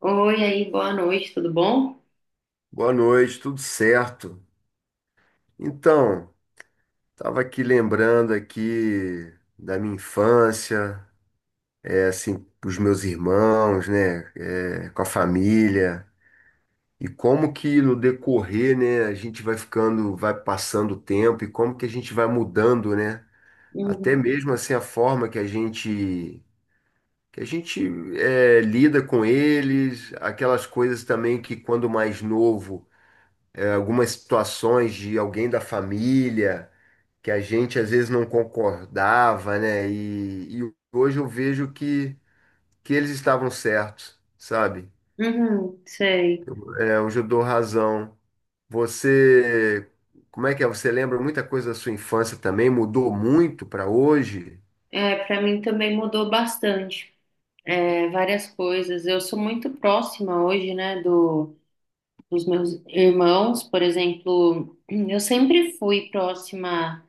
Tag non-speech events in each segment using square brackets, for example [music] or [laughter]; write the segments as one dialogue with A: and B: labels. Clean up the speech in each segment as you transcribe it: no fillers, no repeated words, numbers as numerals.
A: Oi, aí, boa noite, tudo bom?
B: Boa noite, tudo certo? Então, estava aqui lembrando aqui da minha infância, assim, os meus irmãos, né, com a família e como que no decorrer, né, a gente vai ficando, vai passando o tempo e como que a gente vai mudando, né? Até
A: Uhum.
B: mesmo assim a forma que a gente lida com eles, aquelas coisas também que quando mais novo, algumas situações de alguém da família que a gente às vezes não concordava, né? E hoje eu vejo que eles estavam certos, sabe?
A: Uhum, sei.
B: É, hoje eu dou razão. Você, como é que é? Você lembra muita coisa da sua infância também? Mudou muito para hoje?
A: É, para mim também mudou bastante, é, várias coisas. Eu sou muito próxima hoje, né, do, dos meus irmãos, por exemplo, [clears throat] eu sempre fui próxima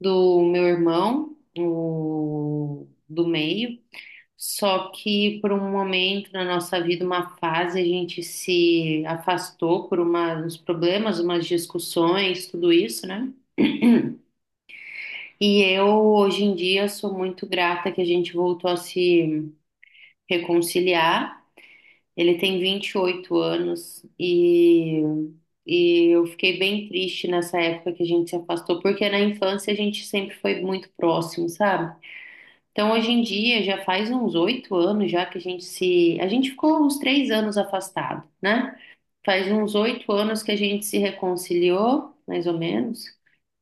A: do meu irmão, o, do meio, só que por um momento na nossa vida, uma fase, a gente se afastou por uma, uns problemas, umas discussões, tudo isso, né? E eu, hoje em dia, sou muito grata que a gente voltou a se reconciliar. Ele tem 28 anos e eu fiquei bem triste nessa época que a gente se afastou, porque na infância a gente sempre foi muito próximo, sabe? Então, hoje em dia, já faz uns 8 anos já que a gente se. A gente ficou uns 3 anos afastado, né? Faz uns oito anos que a gente se reconciliou, mais ou menos.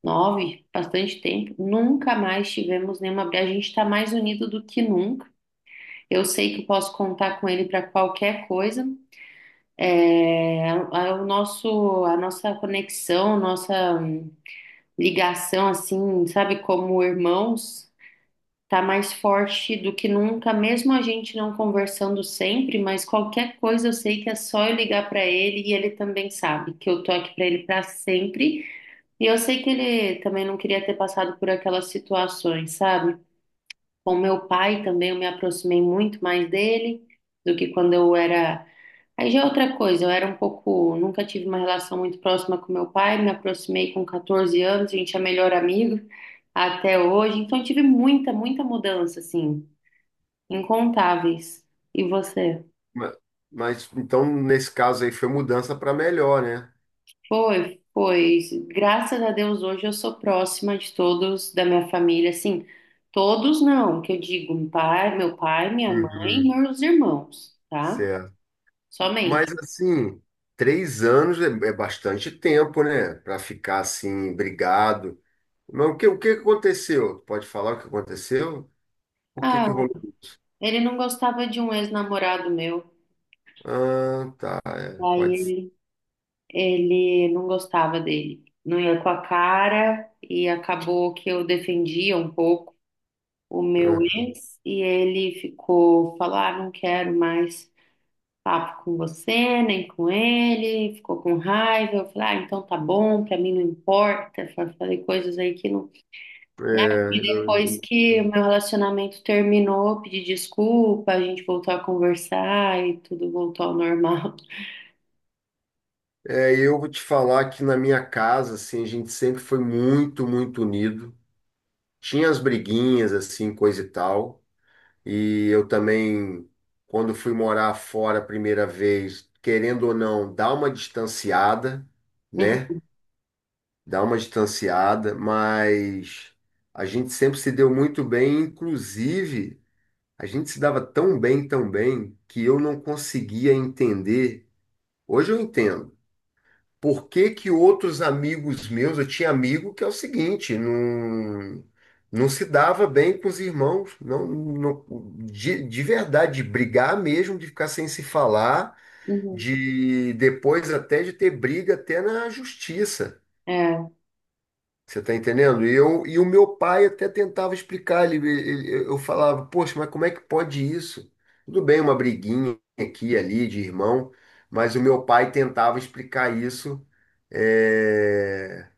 A: 9, bastante tempo. Nunca mais tivemos nenhuma briga. A gente está mais unido do que nunca. Eu sei que eu posso contar com ele para qualquer coisa. É, o nosso, a nossa conexão, nossa ligação, assim, sabe, como irmãos. Tá mais forte do que nunca, mesmo a gente não conversando sempre, mas qualquer coisa eu sei que é só eu ligar para ele e ele também sabe que eu tô aqui para ele para sempre. E eu sei que ele também não queria ter passado por aquelas situações, sabe? Com meu pai também eu me aproximei muito mais dele do que quando eu era. Aí já é outra coisa, eu era um pouco, nunca tive uma relação muito próxima com meu pai, me aproximei com 14 anos, a gente é melhor amigo até hoje, então eu tive muita, muita mudança assim. Incontáveis. E você?
B: Ma- Mas então, nesse caso aí, foi mudança para melhor, né?
A: Foi, foi. Graças a Deus hoje eu sou próxima de todos da minha família, assim, todos não, que eu digo, meu pai, minha mãe,
B: Uhum,
A: meus irmãos, tá?
B: certo. Mas
A: Somente.
B: assim, três anos é bastante tempo, né? Para ficar assim, brigado. Mas o que aconteceu? Pode falar o que aconteceu? Por que
A: Ah,
B: que rolou isso?
A: ele não gostava de um ex-namorado meu.
B: Ah, tá.
A: Aí
B: Pode ser.
A: ele, ele não gostava dele. Não ia com a cara e acabou que eu defendia um pouco o meu
B: Ah,
A: ex e ele ficou, falar, ah, não quero mais. Papo com você, nem com ele, ficou com raiva. Eu falei, ah, então tá bom, pra mim não importa. Falei coisas aí que não, né? E
B: é,
A: depois
B: eu-
A: que o meu relacionamento terminou, eu pedi desculpa, a gente voltou a conversar e tudo voltou ao normal.
B: É, eu vou te falar que na minha casa, assim, a gente sempre foi muito unido. Tinha as briguinhas, assim, coisa e tal. E eu também, quando fui morar fora a primeira vez, querendo ou não, dá uma distanciada, né?
A: [laughs]
B: Dá uma distanciada, mas a gente sempre se deu muito bem, inclusive a gente se dava tão bem, que eu não conseguia entender. Hoje eu entendo. Por que que outros amigos meus, eu tinha amigo que é o seguinte, não se dava bem com os irmãos, de verdade, de brigar mesmo, de ficar sem se falar,
A: Uhum, uhum.
B: de depois até de ter briga até na justiça. Você está entendendo? E o meu pai até tentava explicar, eu falava, poxa, mas como é que pode isso? Tudo bem, uma briguinha aqui e ali de irmão, mas o meu pai tentava explicar isso. é,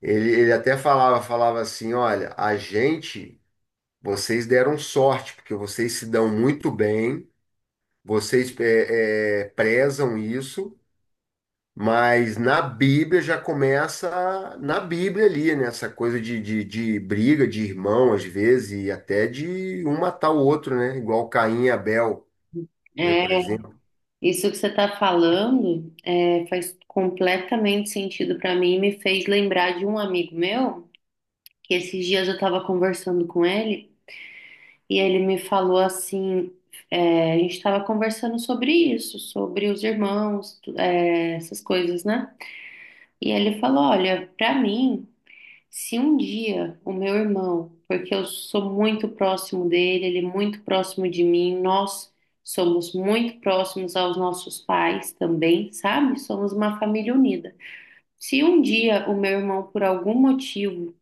B: ele até falava assim, olha, a gente, vocês deram sorte, porque vocês se dão muito bem, vocês prezam isso, mas na Bíblia já começa na Bíblia ali, né? Essa coisa de briga de irmão, às vezes, e até de um matar o outro, né? Igual Caim e Abel, né?
A: É,
B: Por
A: é,
B: exemplo.
A: isso que você tá falando é, faz completamente sentido pra mim e me fez lembrar de um amigo meu, que esses dias eu tava conversando com ele. E ele me falou assim, é, a gente estava conversando sobre isso, sobre os irmãos, é, essas coisas, né? E ele falou, olha, pra mim, se um dia o meu irmão, porque eu sou muito próximo dele, ele é muito próximo de mim, nós somos muito próximos aos nossos pais também, sabe? Somos uma família unida. Se um dia o meu irmão, por algum motivo,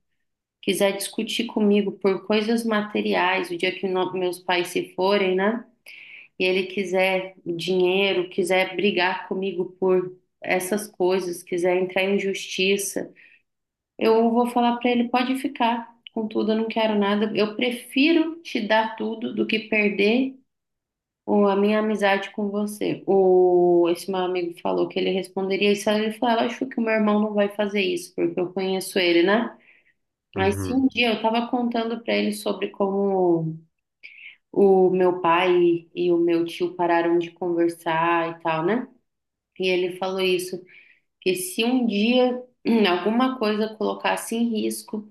A: quiser discutir comigo por coisas materiais, o dia que meus pais se forem, né? E ele quiser dinheiro, quiser brigar comigo por essas coisas, quiser entrar em justiça, eu vou falar para ele: pode ficar com tudo, eu não quero nada. Eu prefiro te dar tudo do que perder a minha amizade com você. O, esse meu amigo falou que ele responderia isso. Aí ele falou: "Ah, acho que o meu irmão não vai fazer isso, porque eu conheço ele, né? Mas se
B: Uhum.
A: um dia eu estava contando para ele sobre como o meu pai e o meu tio pararam de conversar e tal, né? E ele falou isso, que se um dia [clears throat] alguma coisa colocasse em risco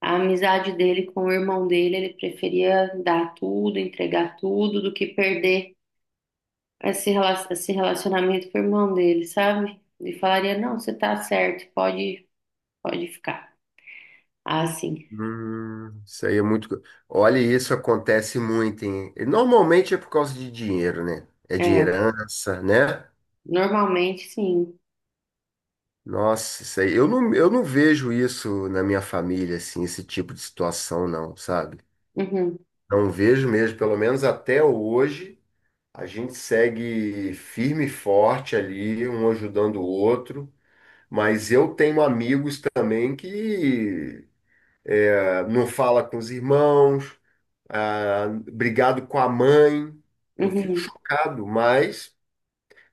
A: a amizade dele com o irmão dele, ele preferia dar tudo, entregar tudo, do que perder esse relacionamento com o irmão dele, sabe? Ele falaria, não, você tá certo, pode ficar. Ah, sim.
B: Isso aí é olha, isso acontece muito, hein? E normalmente é por causa de dinheiro, né? É de
A: É,
B: herança, né?
A: normalmente sim.
B: Nossa, isso aí. Eu não vejo isso na minha família, assim, esse tipo de situação, não, sabe?
A: Uhum,
B: Não vejo mesmo, pelo menos até hoje. A gente segue firme e forte ali, um ajudando o outro, mas eu tenho amigos também que ah, não fala com os irmãos, ah, brigado com a mãe. Eu fico
A: uhum.
B: chocado, mas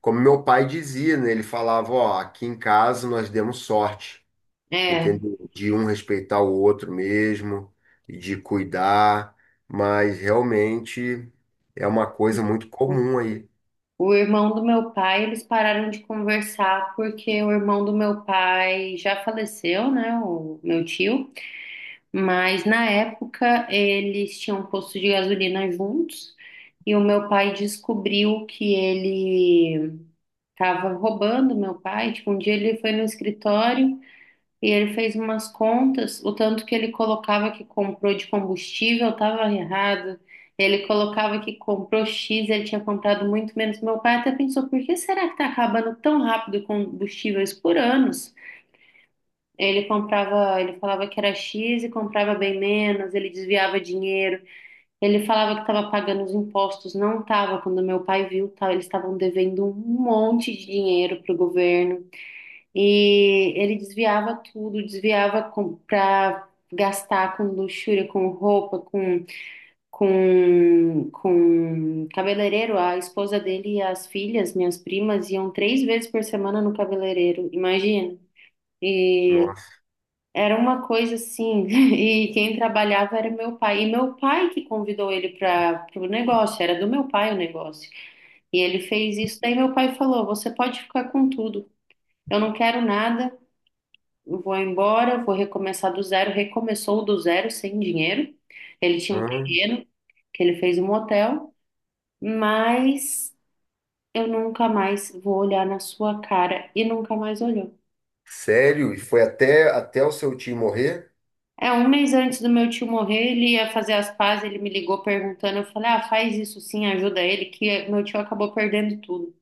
B: como meu pai dizia, né, ele falava, ó, aqui em casa nós demos sorte,
A: É.
B: entendeu? De um respeitar o outro mesmo, de cuidar, mas realmente é uma coisa muito comum aí.
A: O irmão do meu pai, eles pararam de conversar porque o irmão do meu pai já faleceu, né? O meu tio. Mas na época eles tinham um posto de gasolina juntos e o meu pai descobriu que ele estava roubando meu pai. Tipo, um dia ele foi no escritório. E ele fez umas contas, o tanto que ele colocava que comprou de combustível estava errado. Ele colocava que comprou X, ele tinha comprado muito menos. Meu pai até pensou, por que será que está acabando tão rápido combustíveis por anos? Ele comprava, ele falava que era X e comprava bem menos, ele desviava dinheiro. Ele falava que estava pagando os impostos, não estava. Quando meu pai viu, tá, eles estavam devendo um monte de dinheiro para o governo. E ele desviava tudo, desviava para gastar com luxúria, com roupa, com cabeleireiro. A esposa dele e as filhas, minhas primas, iam 3 vezes por semana no cabeleireiro, imagina. E
B: Nossa.
A: era uma coisa assim, [laughs] e quem trabalhava era meu pai. E meu pai que convidou ele para o negócio, era do meu pai o negócio. E ele fez isso, daí meu pai falou: Você pode ficar com tudo, eu não quero nada. Vou embora, vou recomeçar do zero. Recomeçou do zero, sem dinheiro. Ele tinha um terreno que ele fez um hotel, mas eu nunca mais vou olhar na sua cara e nunca mais olhou.
B: Sério? E foi até o seu tio morrer?
A: É, um mês antes do meu tio morrer, ele ia fazer as pazes, ele me ligou perguntando, eu falei, ah, faz isso sim, ajuda ele, que meu tio acabou perdendo tudo.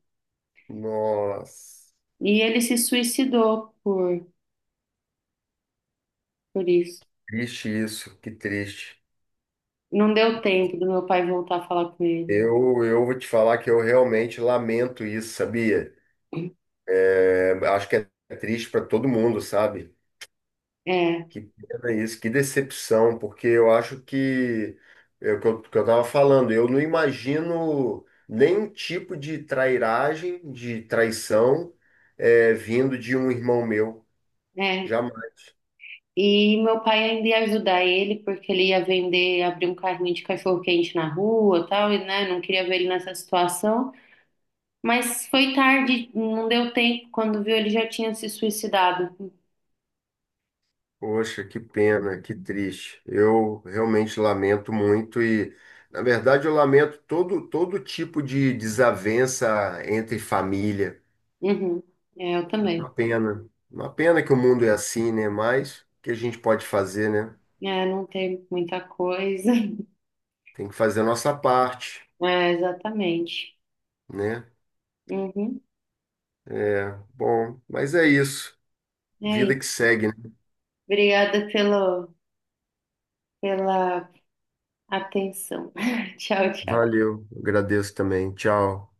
B: Nossa,
A: E ele se suicidou por isso.
B: triste isso, que triste.
A: Não deu tempo do meu pai voltar a falar com ele.
B: Eu vou te falar que eu realmente lamento isso, sabia? É, acho que é triste para todo mundo, sabe?
A: É,
B: Que pena isso, que decepção, porque eu acho que é o que que eu tava falando, eu não imagino nenhum tipo de trairagem, de traição, é, vindo de um irmão meu.
A: é, E meu pai ainda ia ajudar ele, porque ele ia vender, abrir um carrinho de cachorro-quente na rua, tal, e né, não queria ver ele nessa situação. Mas foi tarde, não deu tempo. Quando viu, ele já tinha se suicidado.
B: Poxa, que pena, que triste. Eu realmente lamento muito e, na verdade, eu lamento todo tipo de desavença entre família.
A: Uhum. É, eu também.
B: Uma pena. Uma pena que o mundo é assim, né? Mas o que a gente pode fazer, né?
A: É, não tem muita coisa. [laughs]
B: Tem que fazer a nossa parte,
A: É, exatamente.
B: né?
A: Uhum.
B: Bom, mas é isso.
A: É
B: Vida
A: isso.
B: que segue, né?
A: Obrigada pelo, pela atenção. [laughs] Tchau, tchau.
B: Valeu, agradeço também. Tchau.